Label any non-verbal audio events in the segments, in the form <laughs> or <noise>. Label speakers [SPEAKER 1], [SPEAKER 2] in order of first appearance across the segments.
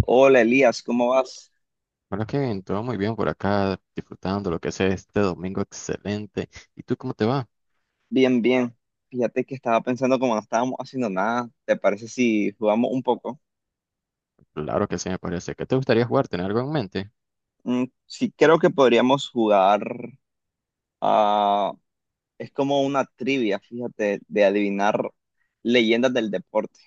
[SPEAKER 1] Hola Elías, ¿cómo vas?
[SPEAKER 2] Bueno, Kevin, todo muy bien por acá, disfrutando lo que sea este domingo excelente. ¿Y tú cómo te va?
[SPEAKER 1] Bien, bien. Fíjate que estaba pensando como no estábamos haciendo nada, ¿te parece si jugamos un poco?
[SPEAKER 2] Claro que sí, me parece. ¿Qué te gustaría jugar? ¿Tener algo en mente?
[SPEAKER 1] Sí, creo que podríamos jugar a. Es como una trivia, fíjate, de adivinar leyendas del deporte.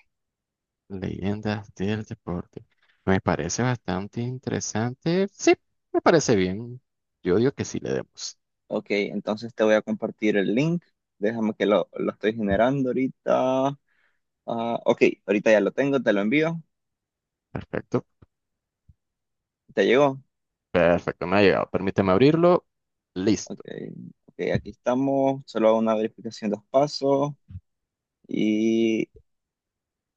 [SPEAKER 2] Leyendas del deporte. Me parece bastante interesante. Sí, me parece bien. Yo digo que sí le demos.
[SPEAKER 1] Ok, entonces te voy a compartir el link. Déjame que lo estoy generando ahorita. Ah, ok, ahorita ya lo tengo, te lo envío.
[SPEAKER 2] Perfecto,
[SPEAKER 1] ¿Te llegó?
[SPEAKER 2] perfecto, me ha llegado. Permíteme abrirlo.
[SPEAKER 1] Ok,
[SPEAKER 2] Listo.
[SPEAKER 1] ok, aquí estamos. Solo hago una verificación dos pasos. Y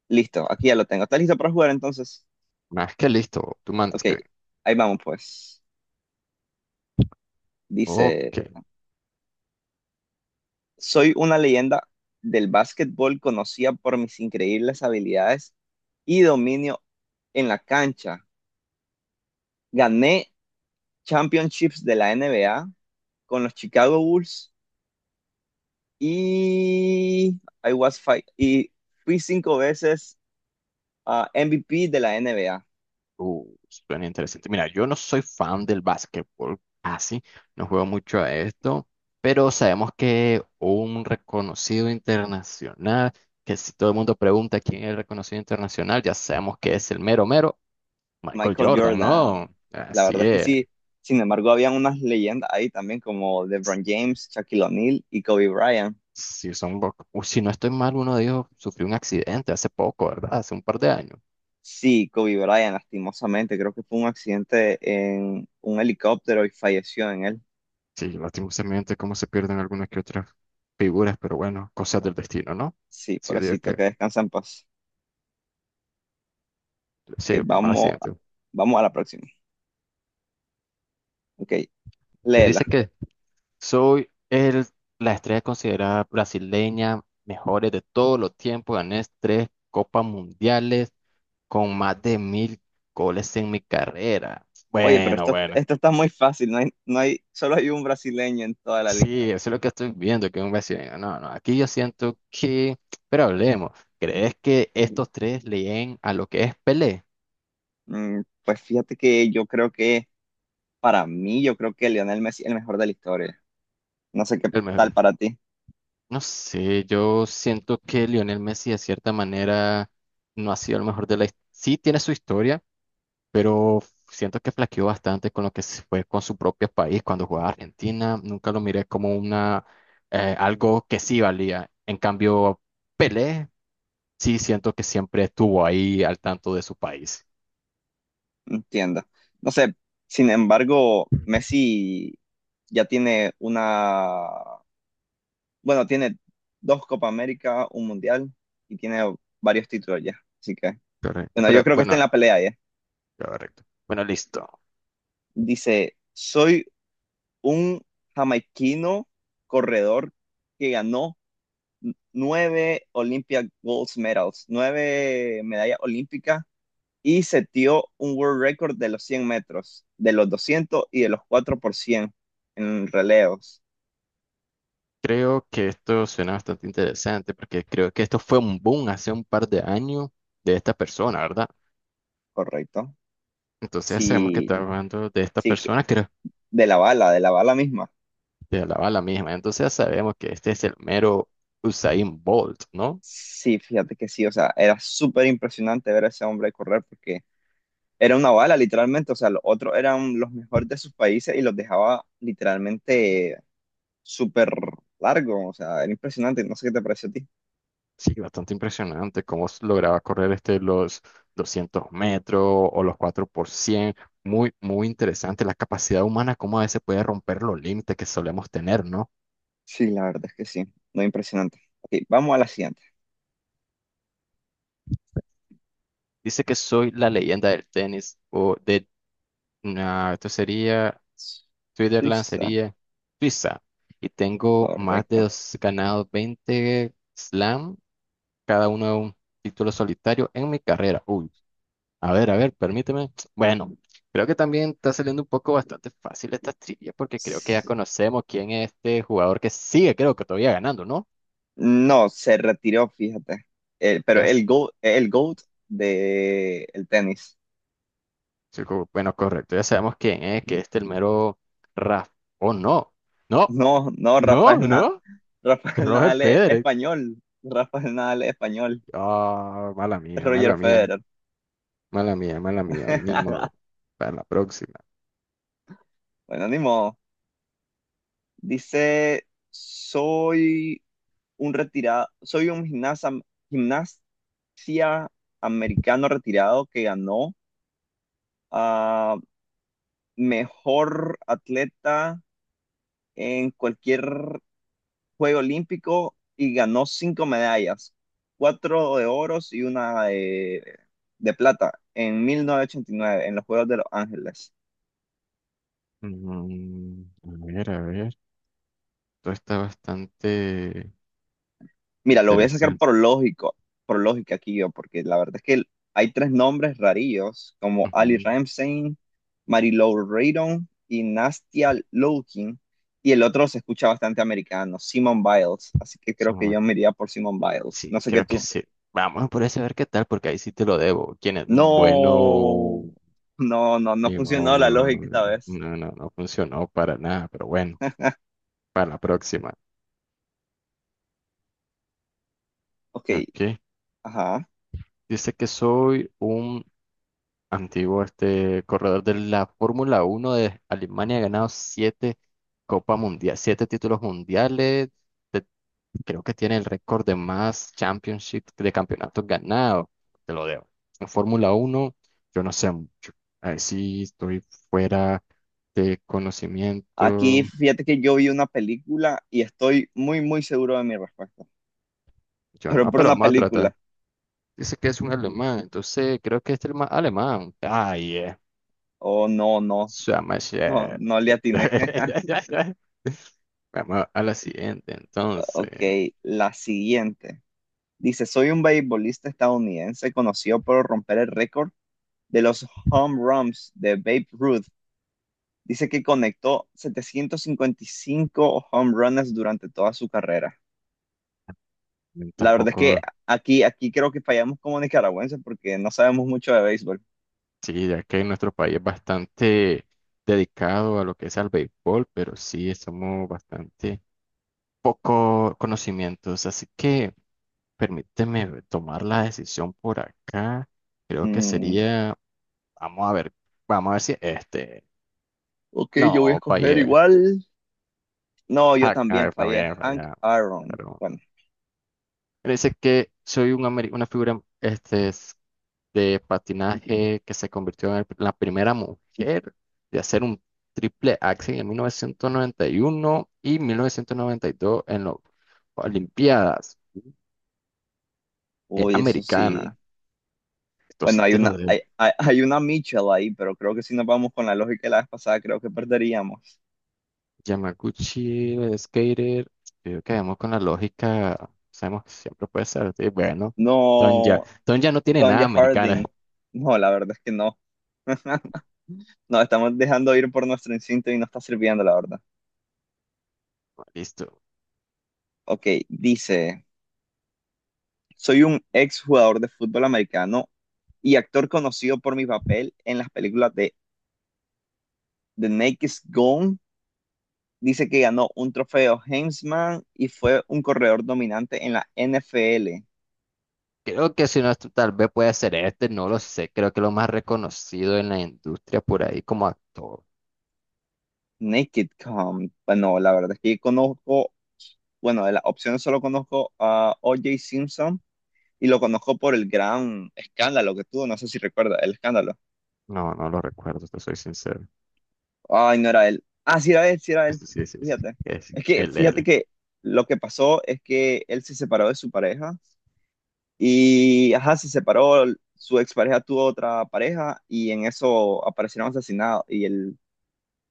[SPEAKER 1] Listo, aquí ya lo tengo. ¿Estás listo para jugar entonces?
[SPEAKER 2] Más que listo, tú mandas,
[SPEAKER 1] Ok,
[SPEAKER 2] Kevin.
[SPEAKER 1] ahí vamos pues. Dice,
[SPEAKER 2] Ok.
[SPEAKER 1] soy una leyenda del básquetbol conocida por mis increíbles habilidades y dominio en la cancha. Gané championships de la NBA con los Chicago Bulls y fui cinco veces MVP de la NBA.
[SPEAKER 2] Suena interesante. Mira, yo no soy fan del básquetbol, así, no juego mucho a esto, pero sabemos que un reconocido internacional, que si todo el mundo pregunta quién es el reconocido internacional, ya sabemos que es el mero mero Michael
[SPEAKER 1] Michael
[SPEAKER 2] Jordan,
[SPEAKER 1] Jordan.
[SPEAKER 2] ¿no?
[SPEAKER 1] La
[SPEAKER 2] Así
[SPEAKER 1] verdad es que
[SPEAKER 2] es.
[SPEAKER 1] sí. Sin embargo, habían unas leyendas ahí también como LeBron James, Shaquille O'Neal y Kobe Bryant.
[SPEAKER 2] Si son, o si no estoy mal, uno de ellos sufrió un accidente hace poco, ¿verdad? Hace un par de años.
[SPEAKER 1] Sí, Kobe Bryant, lastimosamente, creo que fue un accidente en un helicóptero y falleció en él.
[SPEAKER 2] Sí, lastimosamente cómo se pierden algunas que otras figuras, pero bueno, cosas del destino, ¿no?
[SPEAKER 1] Sí,
[SPEAKER 2] Sí, yo digo
[SPEAKER 1] pobrecito,
[SPEAKER 2] que
[SPEAKER 1] que descansa en paz. Ok,
[SPEAKER 2] sí, vamos a la
[SPEAKER 1] vamos,
[SPEAKER 2] siguiente.
[SPEAKER 1] vamos a la próxima. Ok,
[SPEAKER 2] Se dice
[SPEAKER 1] léela.
[SPEAKER 2] que soy la estrella considerada brasileña, mejores de todos los tiempos. Gané tres copas mundiales con más de 1000 goles en mi carrera.
[SPEAKER 1] Oye, pero
[SPEAKER 2] Bueno,
[SPEAKER 1] esto,
[SPEAKER 2] bueno.
[SPEAKER 1] esto está muy fácil, no hay, solo hay un brasileño en toda la lista.
[SPEAKER 2] Sí, eso es lo que estoy viendo, que un brasileño. No, no, aquí yo siento que. Pero hablemos. ¿Crees que estos tres leen a lo que es Pelé?
[SPEAKER 1] Pues fíjate que yo creo que, para mí, yo creo que Lionel Messi es el mejor de la historia. No sé qué
[SPEAKER 2] El
[SPEAKER 1] tal
[SPEAKER 2] mejor.
[SPEAKER 1] para ti,
[SPEAKER 2] No sé, yo siento que Lionel Messi de cierta manera no ha sido el mejor de la. Sí tiene su historia, pero siento que flaqueó bastante con lo que se fue con su propio país cuando jugaba Argentina. Nunca lo miré como una algo que sí valía. En cambio, Pelé sí siento que siempre estuvo ahí al tanto de su país.
[SPEAKER 1] no entiendo. No sé, sin embargo, Messi ya tiene una, bueno, tiene dos Copa América, un Mundial y tiene varios títulos ya. Así que,
[SPEAKER 2] Correcto.
[SPEAKER 1] bueno, yo
[SPEAKER 2] Pero
[SPEAKER 1] creo que está en
[SPEAKER 2] bueno,
[SPEAKER 1] la pelea ya.
[SPEAKER 2] correcto. Bueno, listo.
[SPEAKER 1] Dice, soy un jamaiquino corredor que ganó nueve Olympia Gold Medals, nueve medallas olímpicas y setió un world record de los 100 metros, de los 200 y de los 4 por 100 en relevos,
[SPEAKER 2] Creo que esto suena bastante interesante porque creo que esto fue un boom hace un par de años de esta persona, ¿verdad?
[SPEAKER 1] ¿correcto?
[SPEAKER 2] Entonces sabemos que
[SPEAKER 1] Sí,
[SPEAKER 2] está hablando de esta
[SPEAKER 1] sí, que-
[SPEAKER 2] persona, creo.
[SPEAKER 1] de la bala, de la bala misma.
[SPEAKER 2] De la bala misma. Entonces ya sabemos que este es el mero Usain Bolt, ¿no?
[SPEAKER 1] Sí, fíjate que sí, o sea, era súper impresionante ver a ese hombre correr porque era una bala, literalmente, o sea, los otros eran los mejores de sus países y los dejaba literalmente súper largo, o sea, era impresionante, no sé qué te pareció a ti.
[SPEAKER 2] Sí, bastante impresionante cómo lograba correr los 200 metros o los 4x100. Muy, muy interesante la capacidad humana, cómo a veces puede romper los límites que solemos tener, ¿no?
[SPEAKER 1] Sí, la verdad es que sí, muy impresionante. Ok, vamos a la siguiente.
[SPEAKER 2] Dice que soy la leyenda del tenis o de, nah, esto sería, Switzerland
[SPEAKER 1] Suiza.
[SPEAKER 2] sería Suiza. Y tengo
[SPEAKER 1] Correcto.
[SPEAKER 2] ganado 20 slam, cada uno un título solitario en mi carrera. Uy, a ver, a ver, permíteme. Bueno, creo que también está saliendo un poco bastante fácil esta trivia porque creo que ya
[SPEAKER 1] S-
[SPEAKER 2] conocemos quién es este jugador que sigue, creo que todavía ganando, ¿no?
[SPEAKER 1] No, se retiró, fíjate. Pero
[SPEAKER 2] Ya,
[SPEAKER 1] el GOAT de el tenis.
[SPEAKER 2] sí, bueno, correcto, ya sabemos quién es, que es el mero Rafa. Oh, no, no,
[SPEAKER 1] No, no,
[SPEAKER 2] no,
[SPEAKER 1] Rafael,
[SPEAKER 2] no,
[SPEAKER 1] Rafael
[SPEAKER 2] Roger
[SPEAKER 1] Nadal es
[SPEAKER 2] Federer.
[SPEAKER 1] español. Rafael Nadal es español.
[SPEAKER 2] Ah, mala mía,
[SPEAKER 1] Roger
[SPEAKER 2] mala mía,
[SPEAKER 1] Federer.
[SPEAKER 2] mala mía, mala mía, ni modo.
[SPEAKER 1] <laughs>
[SPEAKER 2] Para la próxima.
[SPEAKER 1] Bueno, ni modo. Dice, soy un retirado, soy un gimnasta, gimnasia americano retirado que ganó a mejor atleta en cualquier Juego Olímpico y ganó cinco medallas, cuatro de oros y una de plata en 1989 en los Juegos de Los Ángeles.
[SPEAKER 2] A ver, a ver, esto está bastante
[SPEAKER 1] Mira, lo voy a sacar
[SPEAKER 2] interesante.
[SPEAKER 1] por lógico, por lógica aquí yo, porque la verdad es que hay tres nombres rarillos como Ali
[SPEAKER 2] Ujú.
[SPEAKER 1] Ramsey, Marilou Reardon y Nastia Lowkin. Y el otro se escucha bastante americano, Simone Biles. Así que creo
[SPEAKER 2] Sí,
[SPEAKER 1] que yo me iría por Simone Biles. No
[SPEAKER 2] sí,
[SPEAKER 1] sé qué
[SPEAKER 2] creo que
[SPEAKER 1] tú.
[SPEAKER 2] sí. Vamos por ese a ver qué tal, porque ahí sí te lo debo. ¿Quién es? Bueno,
[SPEAKER 1] No, no, no, no funcionó
[SPEAKER 2] Limón,
[SPEAKER 1] la lógica esta
[SPEAKER 2] Limón.
[SPEAKER 1] vez.
[SPEAKER 2] No, no, no funcionó para nada, pero bueno, para la próxima.
[SPEAKER 1] Ok,
[SPEAKER 2] Ok.
[SPEAKER 1] ajá.
[SPEAKER 2] Dice que soy un antiguo corredor de la Fórmula 1 de Alemania, ha ganado siete Copa Mundial, siete títulos mundiales. te- Creo que tiene el récord de más championship de campeonatos ganados. Te lo debo. En Fórmula 1, yo no sé mucho. Ahí sí estoy fuera de
[SPEAKER 1] Aquí
[SPEAKER 2] conocimiento.
[SPEAKER 1] fíjate que yo vi una película y estoy muy, muy seguro de mi respuesta.
[SPEAKER 2] Yo
[SPEAKER 1] Pero
[SPEAKER 2] no,
[SPEAKER 1] por
[SPEAKER 2] pero
[SPEAKER 1] una
[SPEAKER 2] vamos a
[SPEAKER 1] película.
[SPEAKER 2] tratar. Dice que es un alemán, entonces creo que es el más alemán. Ay,
[SPEAKER 1] Oh, no, no,
[SPEAKER 2] Summer
[SPEAKER 1] no,
[SPEAKER 2] Shack.
[SPEAKER 1] no le atiné. <laughs>
[SPEAKER 2] <laughs> Vamos a la siguiente,
[SPEAKER 1] Ok,
[SPEAKER 2] entonces.
[SPEAKER 1] la siguiente. Dice, soy un beisbolista estadounidense conocido por romper el récord de los home runs de Babe Ruth. Dice que conectó 755 home runs durante toda su carrera. La verdad es que
[SPEAKER 2] Tampoco,
[SPEAKER 1] aquí creo que fallamos como nicaragüenses porque no sabemos mucho de béisbol.
[SPEAKER 2] sí, ya que nuestro país es bastante dedicado a lo que es al béisbol, pero sí, somos bastante poco conocimientos. Así que permíteme tomar la decisión por acá. Creo que
[SPEAKER 1] Mm,
[SPEAKER 2] sería, vamos a ver, vamos a ver si este.
[SPEAKER 1] ok, yo voy a
[SPEAKER 2] No,
[SPEAKER 1] escoger
[SPEAKER 2] fallé.
[SPEAKER 1] igual. No, yo
[SPEAKER 2] Ah, a
[SPEAKER 1] también
[SPEAKER 2] ver,
[SPEAKER 1] fallé.
[SPEAKER 2] fallé,
[SPEAKER 1] Hank
[SPEAKER 2] fallé.
[SPEAKER 1] Aaron. Bueno,
[SPEAKER 2] Él dice que soy una figura de patinaje que se convirtió en la primera mujer de hacer un triple axel en 1991 y 1992 en las Olimpiadas
[SPEAKER 1] uy, eso sí.
[SPEAKER 2] Americanas. Esto
[SPEAKER 1] Bueno,
[SPEAKER 2] sí
[SPEAKER 1] hay
[SPEAKER 2] te lo
[SPEAKER 1] una,
[SPEAKER 2] debo.
[SPEAKER 1] hay, hay, hay una Mitchell ahí, pero creo que si nos vamos con la lógica de la vez pasada, creo que perderíamos.
[SPEAKER 2] Yamaguchi, el skater, creo que vamos con la lógica, sabemos que siempre puede ser. Sí, bueno,
[SPEAKER 1] No,
[SPEAKER 2] Don ya no tiene nada
[SPEAKER 1] Tonya
[SPEAKER 2] americana.
[SPEAKER 1] Harding. No, la verdad es que no. <laughs> Nos estamos dejando ir por nuestro instinto y no está sirviendo, la verdad.
[SPEAKER 2] <laughs> Listo.
[SPEAKER 1] Ok, dice, soy un ex jugador de fútbol americano y actor conocido por mi papel en las películas de The Naked Gun. Dice que ganó un trofeo Heisman y fue un corredor dominante en la NFL.
[SPEAKER 2] Creo que si no, esto tal vez puede ser este, no lo sé. Creo que lo más reconocido en la industria por ahí como actor.
[SPEAKER 1] Naked Gun. Bueno, la verdad es que conozco, bueno, de las opciones solo conozco a O.J. Simpson y lo conozco por el gran escándalo que tuvo. No sé si recuerda el escándalo.
[SPEAKER 2] No, no lo recuerdo, te soy sincero. <laughs>
[SPEAKER 1] Ay, no era él. Ah, sí era él, sí era él.
[SPEAKER 2] Sí, sí, sí,
[SPEAKER 1] Fíjate.
[SPEAKER 2] sí, es
[SPEAKER 1] Es que fíjate
[SPEAKER 2] LL.
[SPEAKER 1] que lo que pasó es que él se separó de su pareja. Y, ajá, se separó, su expareja tuvo otra pareja y en eso aparecieron asesinados. Y el, o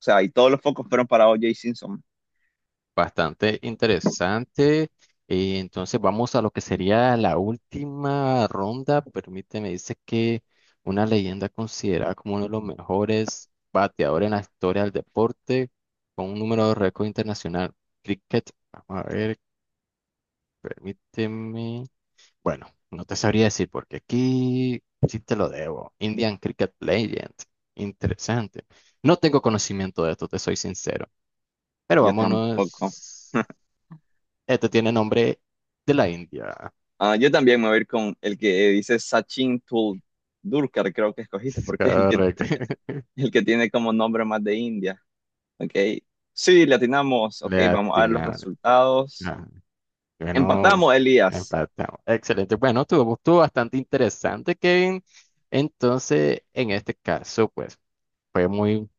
[SPEAKER 1] sea, y todos los focos fueron para O.J. Simpson.
[SPEAKER 2] Bastante interesante. Y entonces vamos a lo que sería la última ronda. Permíteme, dice que una leyenda considerada como uno de los mejores bateadores en la historia del deporte, con un número de récord internacional. Cricket, vamos a ver, permíteme. Bueno, no te sabría decir porque aquí sí te lo debo. Indian Cricket Legend. Interesante. No tengo conocimiento de esto, te soy sincero. Pero
[SPEAKER 1] Yo tampoco.
[SPEAKER 2] vámonos.
[SPEAKER 1] <laughs>
[SPEAKER 2] Este tiene nombre de la India.
[SPEAKER 1] Ah, yo también me voy a ir con el que dice Sachin Tendulkar, creo que escogiste,
[SPEAKER 2] <laughs>
[SPEAKER 1] porque es el que,
[SPEAKER 2] Correcto. <laughs>
[SPEAKER 1] el que tiene como nombre más de India. Ok. Sí, le atinamos. Ok,
[SPEAKER 2] Le
[SPEAKER 1] vamos a ver los
[SPEAKER 2] atinaron.
[SPEAKER 1] resultados.
[SPEAKER 2] Ah, bueno,
[SPEAKER 1] Empatamos, Elías.
[SPEAKER 2] empatamos. Excelente. Bueno, estuvo bastante interesante, Kevin. Entonces, en este caso, pues, fue muy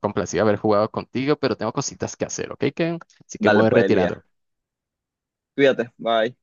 [SPEAKER 2] complacido haber jugado contigo, pero tengo cositas que hacer, ¿ok, Kevin? Así que me
[SPEAKER 1] Dale
[SPEAKER 2] voy
[SPEAKER 1] pues, Elías.
[SPEAKER 2] retirando.
[SPEAKER 1] Cuídate, bye.